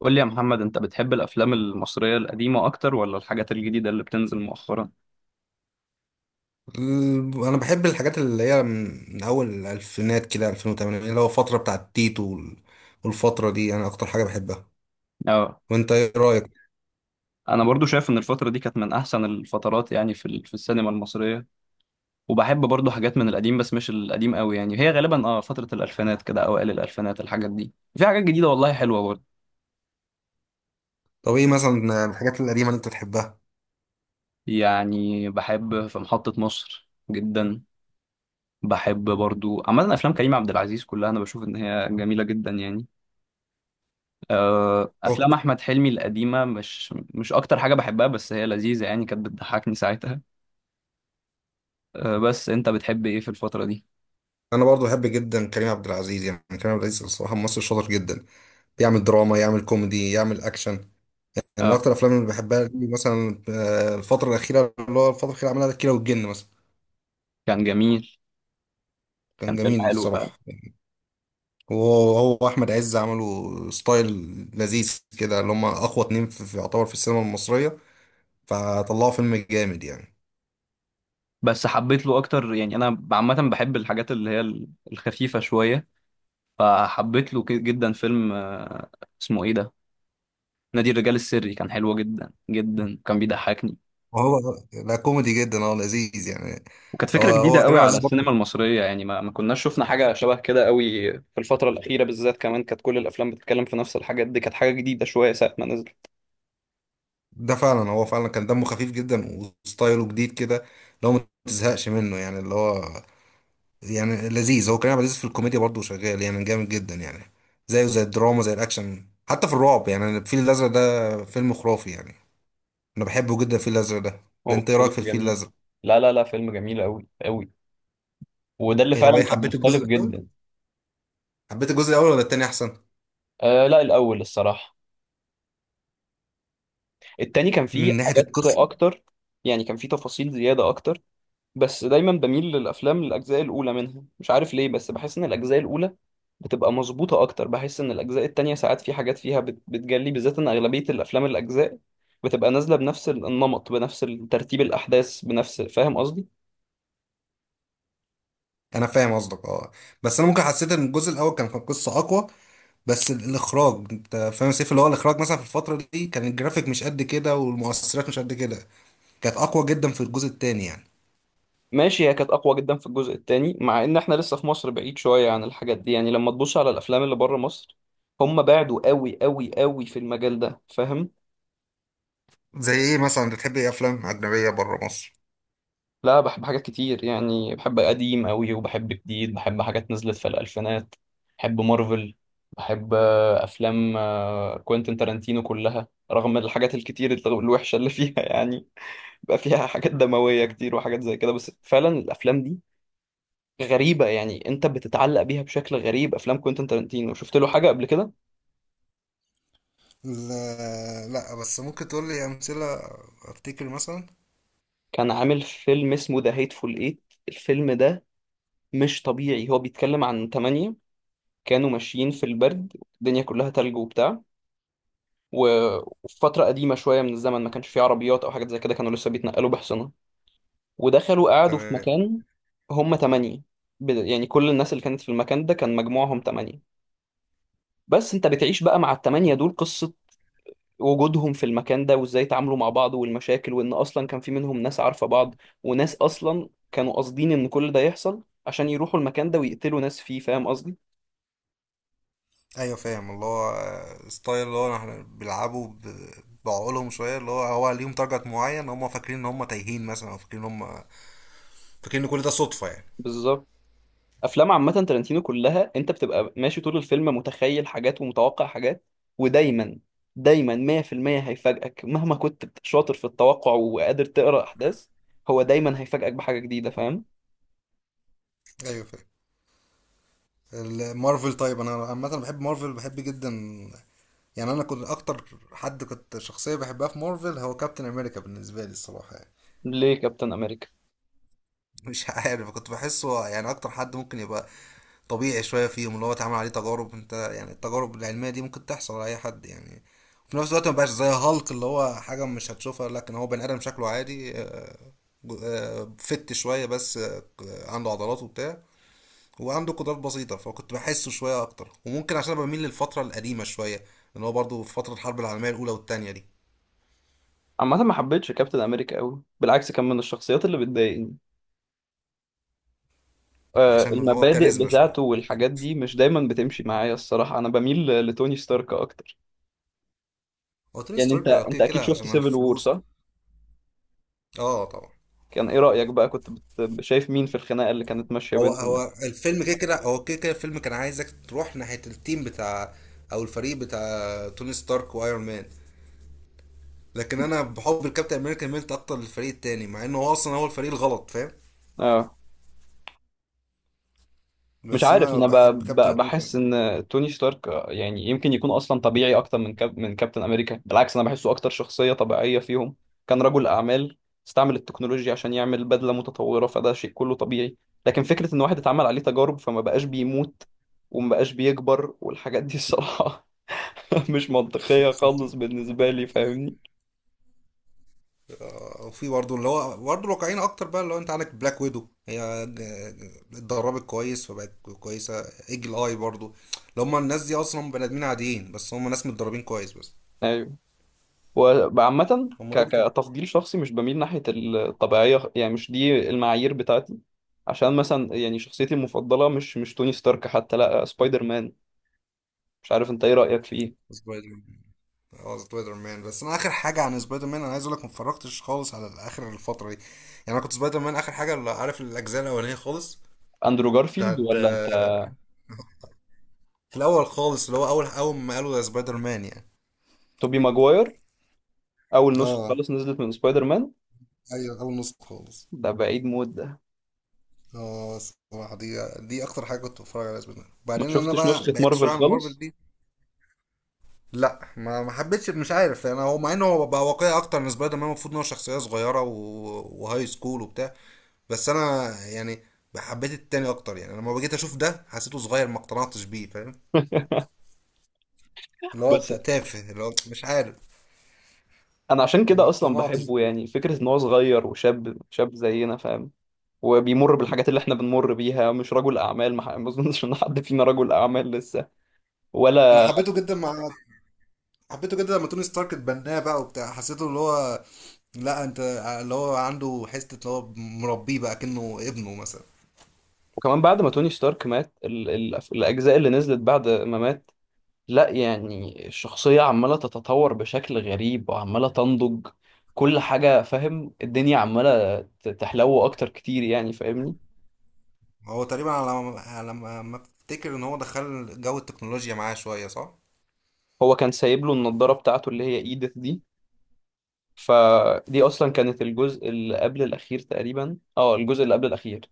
قول لي يا محمد، انت بتحب الافلام المصريه القديمه اكتر ولا الحاجات الجديده اللي بتنزل مؤخرا؟ انا بحب الحاجات اللي هي من اول الالفينات كده 2008، اللي هو الفتره بتاعت تيتو والفتره دي انا اكتر حاجه بحبها. اه. وانت ايه رايك؟ انا برضو شايف ان الفتره دي كانت من احسن الفترات يعني في السينما المصريه. وبحب برضو حاجات من القديم بس مش القديم قوي، يعني هي غالبا فتره الالفينات كده، اوائل الالفينات. الحاجات دي في حاجات جديده والله حلوه برضو. طب ايه مثلا الحاجات القديمه اللي انت تحبها؟ يعني بحب في محطه مصر جدا. بحب برضو عامه افلام كريم عبد العزيز كلها، انا بشوف ان هي جميله جدا يعني. هو افلام كده. احمد حلمي القديمه مش اكتر حاجه بحبها بس هي لذيذه يعني، كانت بتضحكني ساعتها. بس انت بتحب ايه في الفتره دي؟ انا برضو بحب جدا كريم عبد العزيز، يعني كريم عبد العزيز الصراحه ممثل شاطر جدا. يعمل دراما، يعمل كوميدي، يعمل اكشن. يعني من اه، اكتر الافلام اللي بحبها ليه مثلا الفتره الاخيره اللي هو الفتره الاخيره عملها الكيرة والجن مثلا. كان جميل. كان كان فيلم جميل حلو فعلا. الصراحه. وهو احمد عز عملوا ستايل لذيذ كده، اللي هم اقوى اتنين في يعتبر في السينما المصريه، فطلعوا فيلم جامد يعني. بس حبيت له اكتر يعني، انا عامه بحب الحاجات اللي هي الخفيفه شويه. فحبيت له جدا فيلم اسمه ايه ده؟ نادي الرجال السري كان حلو جدا جدا، كان بيضحكني. وهو لا، كوميدي جدا، هو لذيذ يعني. وكانت هو فكرة جديدة هو كريم قوي عبد على العزيز السينما برضه المصرية، يعني ما كناش شفنا حاجة شبه كده قوي في الفترة الأخيرة، بالذات كمان كانت كل الأفلام بتتكلم في نفس الحاجات دي. كانت حاجة جديدة شوية ساعة ما نزل. ده فعلا، هو فعلا كان دمه خفيف جدا وستايله جديد كده، اللي هو ما تزهقش منه يعني. اللي هو يعني لذيذ. هو كريم عبد العزيز في الكوميديا برضه شغال يعني جامد جدا يعني. زيه زي الدراما، زي الاكشن، حتى في الرعب يعني الفيل الازرق ده فيلم خرافي يعني. انا بحبه جدا الفيل الازرق ده. هو انت ايه رايك فيلم في الفيل جميل. الازرق؟ لا لا لا، فيلم جميل قوي قوي. وده اللي ايه، طب فعلا ايه، كان حبيت مختلف الجزء الاول، جدا. حبيت الجزء الاول ولا التاني احسن؟ آه لا، الأول الصراحة. التاني كان فيه من ناحيه حاجات القصه. أكتر، يعني كان فيه تفاصيل زيادة أكتر. بس دايما بميل للافلام الاجزاء الاولى منها، مش عارف ليه، بس بحس ان الاجزاء الاولى بتبقى مظبوطه اكتر. بحس ان الاجزاء التانية ساعات في حاجات فيها بتجلي، بالذات ان اغلبيه الافلام الاجزاء بتبقى نازله بنفس النمط، بنفس ترتيب الاحداث، بنفس. فاهم قصدي؟ انا فاهم قصدك، اه. بس انا ممكن حسيت ان الجزء الاول كان قصه اقوى. بس الاخراج، انت فاهم سيف، اللي هو الاخراج مثلا في الفتره دي كان الجرافيك مش قد كده والمؤثرات مش قد كده، كانت اقوى جدا في الجزء التاني يعني. ماشي، هي كانت اقوى جدا في الجزء التاني، مع ان احنا لسه في مصر بعيد شويه عن الحاجات دي، يعني لما تبص على الافلام اللي بره مصر هم بعدوا قوي قوي قوي في المجال ده، فاهم؟ زي ايه مثلا؟ بتحب ايه افلام اجنبيه بره مصر؟ لا، بحب حاجات كتير يعني، بحب قديم قوي وبحب جديد، بحب حاجات نزلت في الألفينات. بحب مارفل. بحب أفلام كوينتين تارانتينو كلها، رغم الحاجات الكتير الوحشة اللي فيها يعني. بقى فيها حاجات دموية كتير وحاجات زي كده، بس فعلا الأفلام دي غريبة يعني، أنت بتتعلق بيها بشكل غريب. أفلام كوينتين تارانتينو، شفت له حاجة قبل كده؟ لا لا، بس ممكن تقول لي امثله. افتكر مثلا. كان عامل فيلم اسمه ذا هيتفول إيت. الفيلم ده مش طبيعي. هو بيتكلم عن تمانية كانوا ماشيين في البرد، الدنيا كلها تلج وبتاع، و- وفي فترة قديمة شوية من الزمن ما كانش فيه عربيات أو حاجات زي كده، كانوا لسه بيتنقلوا بحصنة، ودخلوا قعدوا في تمام. مكان. هم تمانية، يعني كل الناس اللي كانت في المكان ده كان مجموعهم تمانية. بس أنت بتعيش بقى مع التمانية دول، قصة وجودهم في المكان ده وإزاي تعاملوا مع بعض والمشاكل، وإن أصلا كان في منهم ناس عارفة بعض، وناس أصلا كانوا قاصدين إن كل ده يحصل عشان يروحوا المكان ده ويقتلوا ناس فيه. فاهم قصدي؟ ايوه فاهم، اللي هو ستايل، اللي هو احنا بيلعبوا بعقولهم شويه. اللي هو، هو ليهم تارجت معين، هم فاكرين ان هم تايهين مثلا، او فاكرين ان هم فاكرين ان كل ده صدفه يعني. بالظبط. افلام عامه تارانتينو كلها، انت بتبقى ماشي طول الفيلم متخيل حاجات ومتوقع حاجات، ودايما دايما 100% هيفاجئك، مهما كنت شاطر في التوقع وقادر تقرا احداث، هو دايما هيفاجئك بحاجه جديده، فاهم؟ ايوه فاهم. المارفل طيب، انا عامه بحب مارفل، بحب جدا يعني. انا كنت اكتر حد، كنت شخصيه بحبها في مارفل هو كابتن امريكا بالنسبه لي الصراحه يعني. ليه كابتن امريكا؟ مش عارف، كنت بحسه يعني اكتر حد ممكن يبقى طبيعي شويه فيهم، اللي هو اتعمل عليه تجارب. انت يعني التجارب العلميه دي ممكن تحصل على اي حد يعني. وفي نفس الوقت ما بقاش زي هالك اللي هو حاجه مش هتشوفها، لكن هو بني ادم شكله عادي، فت شويه بس، عنده عضلات وبتاع، وعنده قدرات بسيطه. فكنت بحسه شويه اكتر، وممكن عشان أنا بميل للفتره القديمه شويه، اللي هو برضه في فتره الحرب العالميه الاولى والتانيه دي. عامه ما حبيتش كابتن امريكا قوي، بالعكس كان من الشخصيات اللي بتضايقني. عشان هو المبادئ كاريزما شويه. بتاعته والحاجات دي مش دايما بتمشي معايا الصراحه، انا بميل لتوني ستارك اكتر. هو توني يعني انت ستارك انت كده اكيد كده شفت عشان سيفل وور، الفلوس. صح؟ اه طبعا. كان ايه رايك بقى، كنت شايف مين في الخناقه اللي كانت ماشيه هو بينهم؟ هو الفيلم كده كده، هو كده كده الفيلم كان عايزك تروح ناحية التيم بتاع، او الفريق بتاع توني ستارك وايرون مان. لكن انا بحب الكابتن امريكا، ميلت اكتر للفريق التاني، مع انه هو اصلا هو الفريق الغلط فاهم. اه. مش بس عارف، انا انا بحب كابتن امريكا. بحس ان توني ستارك يعني يمكن يكون اصلا طبيعي اكتر من من كابتن امريكا. بالعكس انا بحسه اكتر شخصية طبيعية فيهم. كان رجل اعمال، استعمل التكنولوجيا عشان يعمل بدلة متطورة، فده شيء كله طبيعي. لكن فكرة ان واحد اتعمل عليه تجارب فما بقاش بيموت وما بقاش بيكبر والحاجات دي الصراحة مش منطقية خالص بالنسبة لي، فاهمني؟ وفي برضه اللي هو برضه الواقعيين اكتر بقى، اللي هو انت عندك بلاك ويدو، اتدربت كويس فبقت كويسة. ايجل اي برضه، اللي هم الناس دي اصلا بني ادمين عاديين، بس هم ناس متدربين كويس بس. ايوه. وعامة هم ك- دول. كتفضيل شخصي مش بميل ناحية الطبيعية، يعني مش دي المعايير بتاعتي. عشان مثلا يعني شخصيتي المفضلة مش توني ستارك، حتى لا سبايدر مان. مش عارف انت ايه رأيك في ايه؟ سبايدر، اه سبايدر مان. بس انا اخر حاجه عن سبايدر مان، انا عايز اقول لك ما اتفرجتش خالص على اخر الفتره دي. يعني انا كنت سبايدر مان اخر حاجه اللي عارف، الاجزاء الاولانيه خالص اندرو جارفيلد بتاعت ولا انت؟ في الاول خالص، اللي هو اول ما قالوا ده سبايدر مان يعني. توبي ماجواير. اول نسخة اه. خالص نزلت من سبايدر مان، ايوه، اول نص خالص. ده بعيد موت ده. اه الصراحه دي اكتر حاجه كنت بتفرج عليها سبايدر مان. ما وبعدين انا شفتش بقى نسخة بعدت مارفل شويه عن مارفل خالص. دي. لا، ما حبيتش، مش عارف. انا هو مع انه هو بقى واقعي اكتر من سبايدر مان، المفروض ان هو شخصيه صغيره وهاي سكول وبتاع. بس انا يعني حبيت التاني اكتر يعني. لما جيت اشوف ده حسيته صغير، ما اقتنعتش بيه فاهم. اللي هو بس انت تافه، اللي هو مش عارف. انا عشان ما كده اصلا اقتنعتش بحبه، بيه. يعني فكرة ان هو صغير وشاب شاب زينا، فاهم؟ وبيمر بالحاجات اللي احنا بنمر بيها، مش رجل اعمال. ما اظنش ان حد فينا رجل اعمال لسه انا ولا. حبيته جدا مع حبيته جدا لما توني ستارك اتبناه بقى وبتاع، حسيته اللي هو، لا انت، اللي هو عنده حته اللي هو مربيه بقى كأنه ابنه مثلا. وكمان بعد ما توني ستارك مات الاجزاء اللي نزلت بعد ما مات، لا يعني الشخصية عمالة تتطور بشكل غريب وعمالة تنضج كل حاجة. فاهم؟ الدنيا عمالة تحلو اكتر كتير يعني، فاهمني؟ هو تقريبا على ما، على ما افتكر ان هو دخل جو التكنولوجيا معاه شويه صح. هو كان سايب له النضارة بتاعته اللي هي ايدث دي، فدي اصلا كانت الجزء اللي قبل الاخير تقريبا، الجزء اللي قبل الاخير.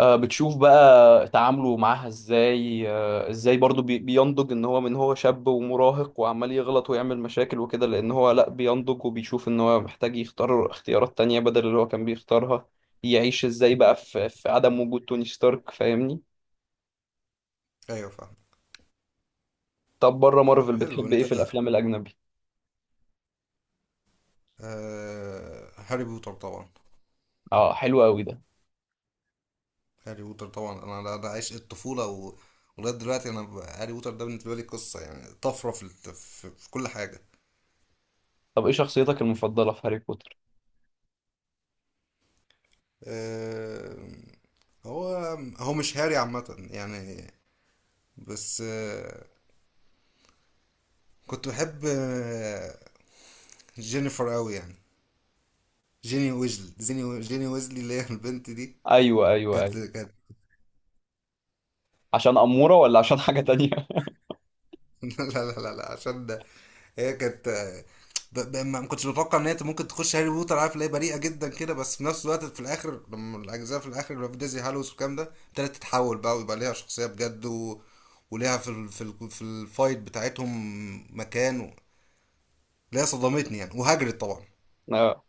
بتشوف بقى تعامله معاها ازاي، ازاي برضو بينضج ان هو من هو شاب ومراهق وعمال يغلط ويعمل مشاكل وكده، لان هو لا بينضج وبيشوف ان هو محتاج يختار اختيارات تانية بدل اللي هو كان بيختارها. يعيش ازاي بقى في عدم وجود توني ستارك، فاهمني؟ ايوه فاهم. طب بره طب مارفل حلو. بتحب انت ايه في الافلام الاجنبي؟ آه هاري بوتر طبعا. اه، حلو قوي ده. هاري بوتر طبعا، انا ده عشق الطفوله ولغايه دلوقتي انا هاري بوتر ده بالنسبه لي قصه يعني طفره في، في كل حاجه. طب ايه شخصيتك المفضلة في هاري بوتر؟ آه، هو مش هاري عامه يعني. بس آه، كنت بحب آه جينيفر قوي يعني، جيني ويزلي، جيني ويزلي اللي هي البنت دي. ايوه ايوه كانت ايوه. كانت عشان أمورة ولا عشان حاجة تانية؟ لا لا لا لا، عشان ده هي كانت، ما كنتش متوقع ان هي ممكن تخش هاري بوتر، عارف، اللي هي بريئه جدا كده. بس في نفس الوقت في الاخر، لما الاجزاء في الاخر اللي هو في ديزي هالوس والكلام ده، ابتدت تتحول بقى ويبقى ليها شخصيه بجد، وليها في الفايت بتاعتهم مكان اللي هي صدمتني يعني. وهاجرد طبعا، اه.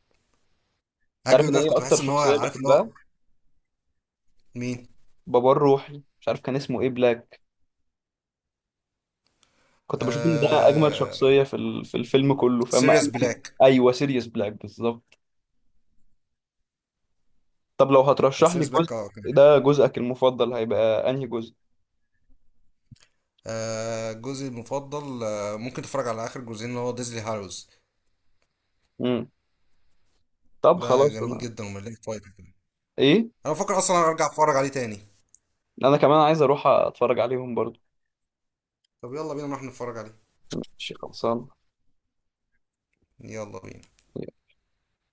تعرف هاجرد ان ده ايه كنت اكتر بحس ان هو شخصية عارف اللي هو. بحبها؟ مين؟ بابا الروحي، مش عارف كان اسمه ايه، بلاك. كنت بشوف ان ده اجمل آه... شخصيه في الفيلم كله فاما. سيريس بلاك. ايوه سيريوس بلاك بالظبط. طب لو هترشح لي سيريس جزء، بلاك اه ده جزءك المفضل، هيبقى انهي جزء؟ جزء المفضل، ممكن تتفرج على اخر جزئين اللي هو ديزلي هالوز. امم. طب ده خلاص جميل انا. جدا ومليان فايدة كمان. ايه؟ انا بفكر اصلا ارجع اتفرج عليه تاني. انا كمان عايز اروح اتفرج عليهم برضو. طب يلا بينا نروح نتفرج عليه. ماشي، خلصان. يلا بينا.